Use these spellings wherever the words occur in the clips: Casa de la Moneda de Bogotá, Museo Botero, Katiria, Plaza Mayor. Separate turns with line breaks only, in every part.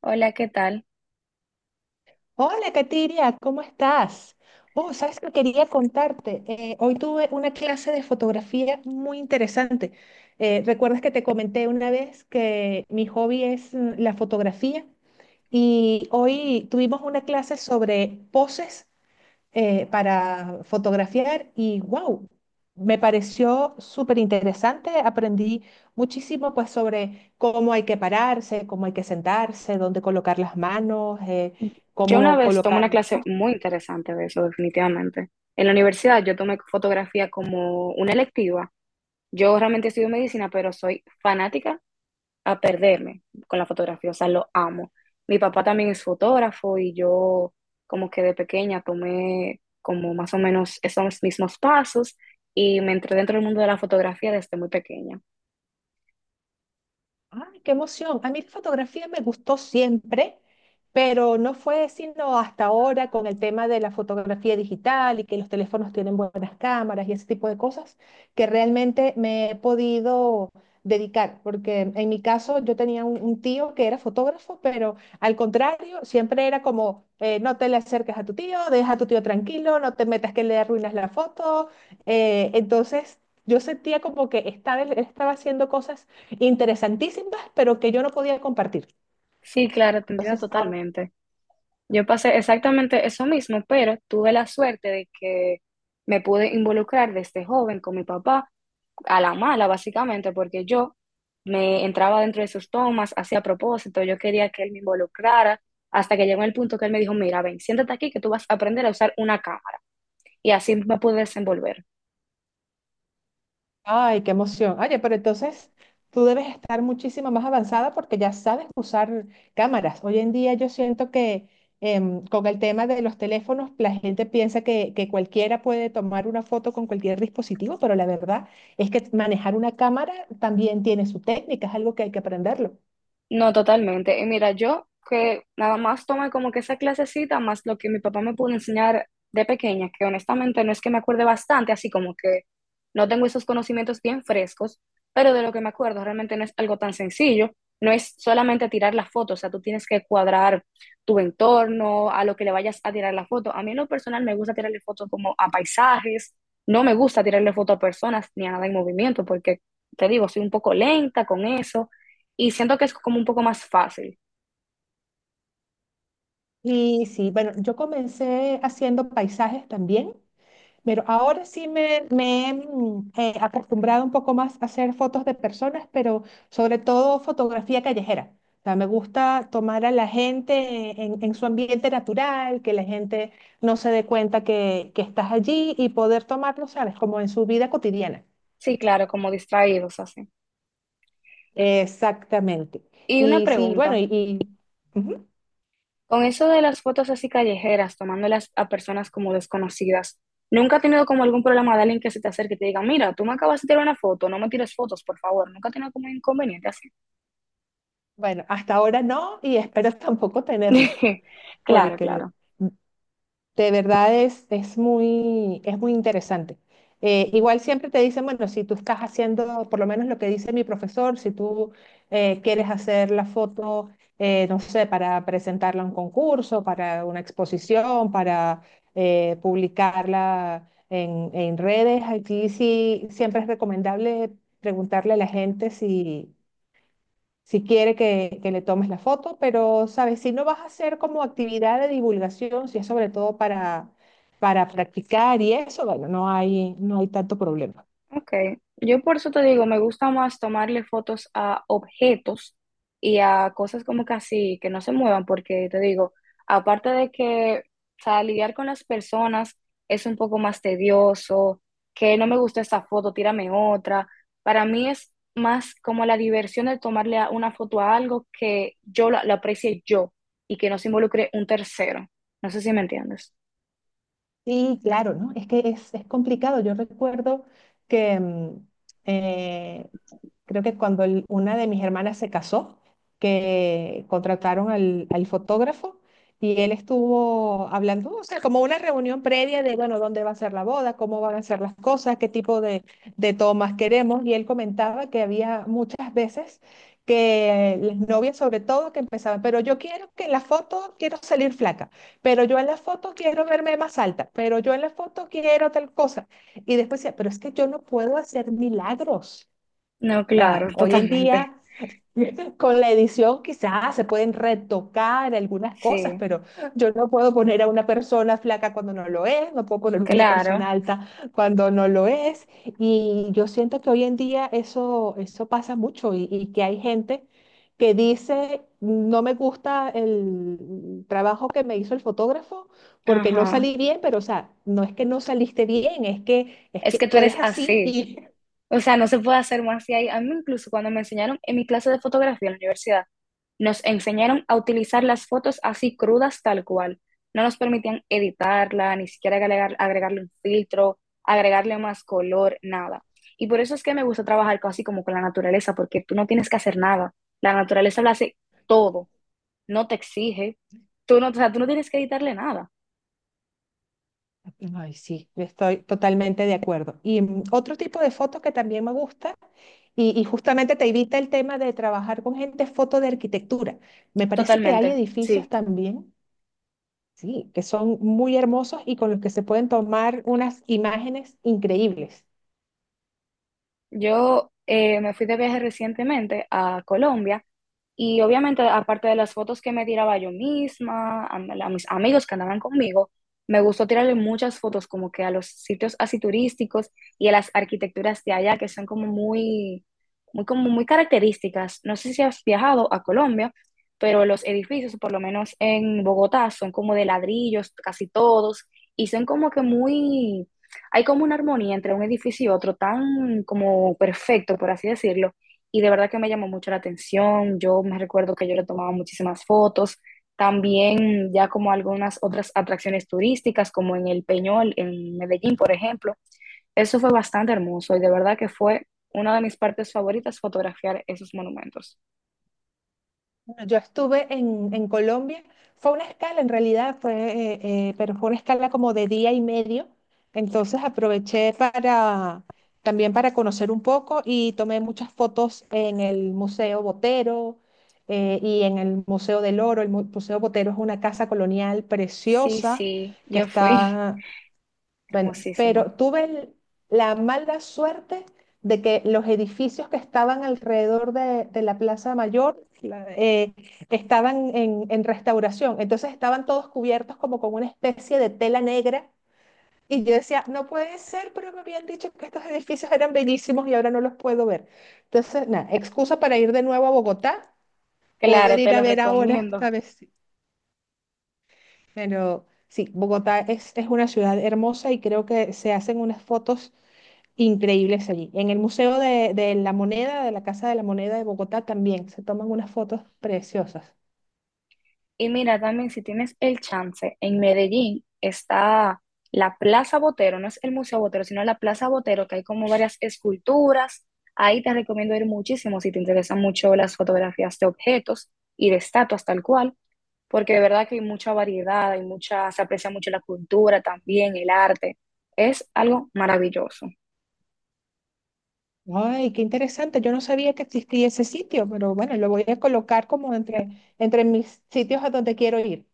Hola, ¿qué tal?
Hola, Katiria, ¿cómo estás? Oh, sabes que quería contarte. Hoy tuve una clase de fotografía muy interesante. ¿Recuerdas que te comenté una vez que mi hobby es la fotografía? Y hoy tuvimos una clase sobre poses para fotografiar, y wow, me pareció súper interesante. Aprendí muchísimo pues sobre cómo hay que pararse, cómo hay que sentarse, dónde colocar las manos,
Yo una
cómo
vez tomé
colocar
una
el...
clase muy interesante de eso, definitivamente. En la universidad yo tomé fotografía como una electiva. Yo realmente estudio medicina, pero soy fanática a perderme con la fotografía, o sea, lo amo. Mi papá también es fotógrafo y yo como que de pequeña tomé como más o menos esos mismos pasos y me entré dentro del mundo de la fotografía desde muy pequeña.
Ay, qué emoción. A mí la fotografía me gustó siempre, pero no fue sino hasta ahora, con el tema de la fotografía digital y que los teléfonos tienen buenas cámaras y ese tipo de cosas, que realmente me he podido dedicar, porque en mi caso yo tenía un tío que era fotógrafo, pero al contrario, siempre era como, no te le acerques a tu tío, deja a tu tío tranquilo, no te metas que le arruinas la foto. Eh, entonces... Yo sentía como que él estaba haciendo cosas interesantísimas, pero que yo no podía compartir.
Sí, claro, te entiendo
Entonces, ah,
totalmente. Yo pasé exactamente eso mismo, pero tuve la suerte de que me pude involucrar desde joven con mi papá, a la mala básicamente, porque yo me entraba dentro de sus tomas, hacía propósito, yo quería que él me involucrara, hasta que llegó el punto que él me dijo, mira, ven, siéntate aquí que tú vas a aprender a usar una cámara. Y así me pude desenvolver.
ay, qué emoción. Oye, pero entonces tú debes estar muchísimo más avanzada porque ya sabes usar cámaras. Hoy en día yo siento que con el tema de los teléfonos, la gente piensa que cualquiera puede tomar una foto con cualquier dispositivo, pero la verdad es que manejar una cámara también tiene su técnica, es algo que hay que aprenderlo.
No, totalmente. Y mira, yo que nada más tomé como que esa clasecita, más lo que mi papá me pudo enseñar de pequeña, que honestamente no es que me acuerde bastante, así como que no tengo esos conocimientos bien frescos, pero de lo que me acuerdo realmente no es algo tan sencillo. No es solamente tirar la foto, o sea, tú tienes que cuadrar tu entorno, a lo que le vayas a tirar la foto. A mí en lo personal me gusta tirarle fotos como a paisajes, no me gusta tirarle foto a personas ni a nada en movimiento, porque te digo, soy un poco lenta con eso. Y siento que es como un poco más fácil.
Y sí, bueno, yo comencé haciendo paisajes también. Pero ahora sí me he acostumbrado un poco más a hacer fotos de personas, pero sobre todo fotografía callejera. O sea, me gusta tomar a la gente en su ambiente natural, que la gente no se dé cuenta que estás allí y poder tomarlo, ¿sabes? Como en su vida cotidiana.
Sí, claro, como distraídos así.
Exactamente.
Y una
Y sí, bueno,
pregunta,
ujú.
con eso de las fotos así callejeras, tomándolas a personas como desconocidas, ¿nunca has tenido como algún problema de alguien que se te acerque y te diga, mira, tú me acabas de tirar una foto, no me tires fotos, por favor? ¿Nunca has tenido como un inconveniente así?
Bueno, hasta ahora no, y espero tampoco tenerlo,
Claro,
porque...
claro.
de verdad es muy interesante. Igual siempre te dicen, bueno, si tú estás haciendo, por lo menos lo que dice mi profesor, si tú quieres hacer la foto, no sé, para presentarla a un concurso, para una exposición, para publicarla en redes, aquí sí siempre es recomendable preguntarle a la gente si quiere que le tomes la foto, pero, ¿sabes? Si no vas a hacer como actividad de divulgación, si es sobre todo para practicar y eso, bueno, no hay tanto problema.
Ok, yo por eso te digo, me gusta más tomarle fotos a objetos y a cosas como que así, que no se muevan, porque te digo, aparte de que, o sea, lidiar con las personas es un poco más tedioso, que no me gusta esta foto, tírame otra. Para mí es más como la diversión de tomarle a- una foto a algo que yo la aprecie yo y que no se involucre un tercero. No sé si me entiendes.
Sí, claro, ¿no? Es que es complicado. Yo recuerdo que eh, creo que una de mis hermanas se casó, que contrataron al fotógrafo, y él estuvo hablando, o sea, como una reunión previa de, bueno, dónde va a ser la boda, cómo van a ser las cosas, qué tipo de tomas queremos. Y él comentaba que había muchas veces que las novias, sobre todo, que empezaban, pero yo quiero que en la foto quiero salir flaca, pero yo en la foto quiero verme más alta, pero yo en la foto quiero tal cosa. Y después decía, pero es que yo no puedo hacer milagros.
No,
O
claro,
sea, hoy en
totalmente.
día, con la edición quizás se pueden retocar algunas cosas,
Sí,
pero yo no puedo poner a una persona flaca cuando no lo es, no puedo poner una
claro.
persona alta cuando no lo es. Y yo siento que hoy en día eso, eso pasa mucho, y que hay gente que dice, no me gusta el trabajo que me hizo el fotógrafo porque no
Ajá.
salí bien, pero o sea, no es que no saliste bien, es es
Es
que
que tú
tú
eres
eres así
así.
y...
O sea, no se puede hacer más de ahí. A mí incluso cuando me enseñaron en mi clase de fotografía en la universidad, nos enseñaron a utilizar las fotos así crudas tal cual. No nos permitían editarla, ni siquiera agregar, agregarle un filtro, agregarle más color, nada. Y por eso es que me gusta trabajar casi como con la naturaleza, porque tú no tienes que hacer nada. La naturaleza lo hace todo, no te exige. Tú no, o sea, tú no tienes que editarle nada.
ay, sí, yo estoy totalmente de acuerdo. Y otro tipo de foto que también me gusta, y justamente te evita el tema de trabajar con gente, es foto de arquitectura. Me parece que hay
Totalmente,
edificios
sí.
también, sí, que son muy hermosos y con los que se pueden tomar unas imágenes increíbles.
Yo me fui de viaje recientemente a Colombia y obviamente aparte de las fotos que me tiraba yo misma, a mis amigos que andaban conmigo, me gustó tirarle muchas fotos como que a los sitios así turísticos y a las arquitecturas de allá que son como muy, muy, como muy características. No sé si has viajado a Colombia, pero los edificios, por lo menos en Bogotá, son como de ladrillos casi todos y son como que muy hay como una armonía entre un edificio y otro tan como perfecto, por así decirlo, y de verdad que me llamó mucho la atención. Yo me recuerdo que yo le tomaba muchísimas fotos, también ya como algunas otras atracciones turísticas, como en el Peñol, en Medellín, por ejemplo. Eso fue bastante hermoso y de verdad que fue una de mis partes favoritas fotografiar esos monumentos.
Bueno, yo estuve en Colombia, fue una escala en realidad, pero fue una escala como de día y medio, entonces aproveché para también para conocer un poco, y tomé muchas fotos en el Museo Botero, y en el Museo del Oro. El Museo Botero es una casa colonial
Sí,
preciosa
sí,
que
yo fui
está... bueno,
hermosísimo.
pero tuve la mala suerte de que los edificios que estaban alrededor de la Plaza Mayor estaban en restauración, entonces estaban todos cubiertos como con una especie de tela negra, y yo decía, no puede ser, pero me habían dicho que estos edificios eran bellísimos y ahora no los puedo ver. Entonces, nada, excusa para ir de nuevo a Bogotá, poder
Claro, te
ir a
los
ver ahora,
recomiendo.
esta vez sí. Pero sí, Bogotá es una ciudad hermosa y creo que se hacen unas fotos increíbles allí. En el Museo de la Moneda, de la Casa de la Moneda de Bogotá también se toman unas fotos preciosas.
Y mira, también si tienes el chance, en Medellín está la Plaza Botero, no es el Museo Botero, sino la Plaza Botero, que hay como varias esculturas. Ahí te recomiendo ir muchísimo si te interesan mucho las fotografías de objetos y de estatuas tal cual, porque de verdad que hay mucha variedad, hay mucha, se aprecia mucho la cultura también, el arte. Es algo maravilloso.
Ay, qué interesante. Yo no sabía que existía ese sitio, pero bueno, lo voy a colocar como entre mis sitios a donde quiero ir.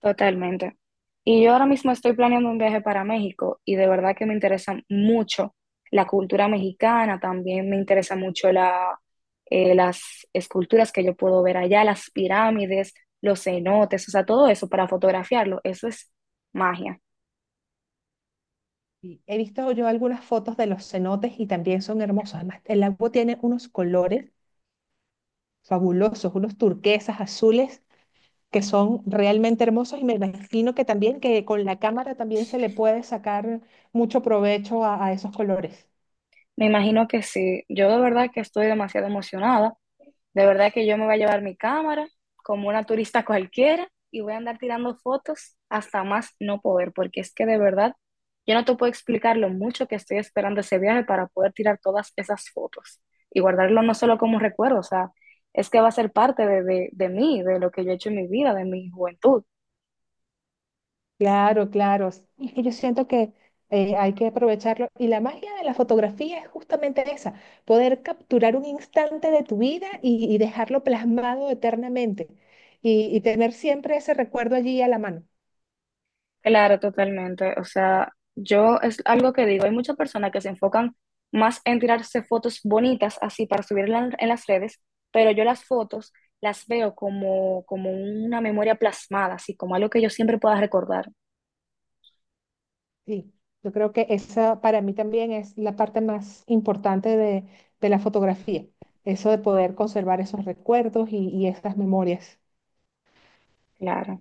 Totalmente. Y yo ahora mismo estoy planeando un viaje para México y de verdad que me interesa mucho la cultura mexicana, también me interesa mucho la, las esculturas que yo puedo ver allá, las pirámides, los cenotes, o sea, todo eso para fotografiarlo, eso es magia.
Y he visto yo algunas fotos de los cenotes y también son hermosos. Además, el agua tiene unos colores fabulosos, unos turquesas, azules, que son realmente hermosos, y me imagino que también que con la cámara también se le puede sacar mucho provecho a esos colores.
Me imagino que sí, yo de verdad que estoy demasiado emocionada. De verdad que yo me voy a llevar mi cámara como una turista cualquiera y voy a andar tirando fotos hasta más no poder, porque es que de verdad yo no te puedo explicar lo mucho que estoy esperando ese viaje para poder tirar todas esas fotos y guardarlo no solo como recuerdo, o sea, es que va a ser parte de mí, de lo que yo he hecho en mi vida, de mi juventud.
Claro, claro. Sí, es que yo siento que hay que aprovecharlo. Y la magia de la fotografía es justamente esa, poder capturar un instante de tu vida y dejarlo plasmado eternamente, y tener siempre ese recuerdo allí a la mano.
Claro, totalmente. O sea, yo es algo que digo, hay muchas personas que se enfocan más en tirarse fotos bonitas así para subirlas en las redes, pero yo las fotos las veo como, como una memoria plasmada, así como algo que yo siempre pueda recordar.
Sí, yo creo que esa para mí también es la parte más importante de la fotografía, eso de poder conservar esos recuerdos y esas memorias.
Claro.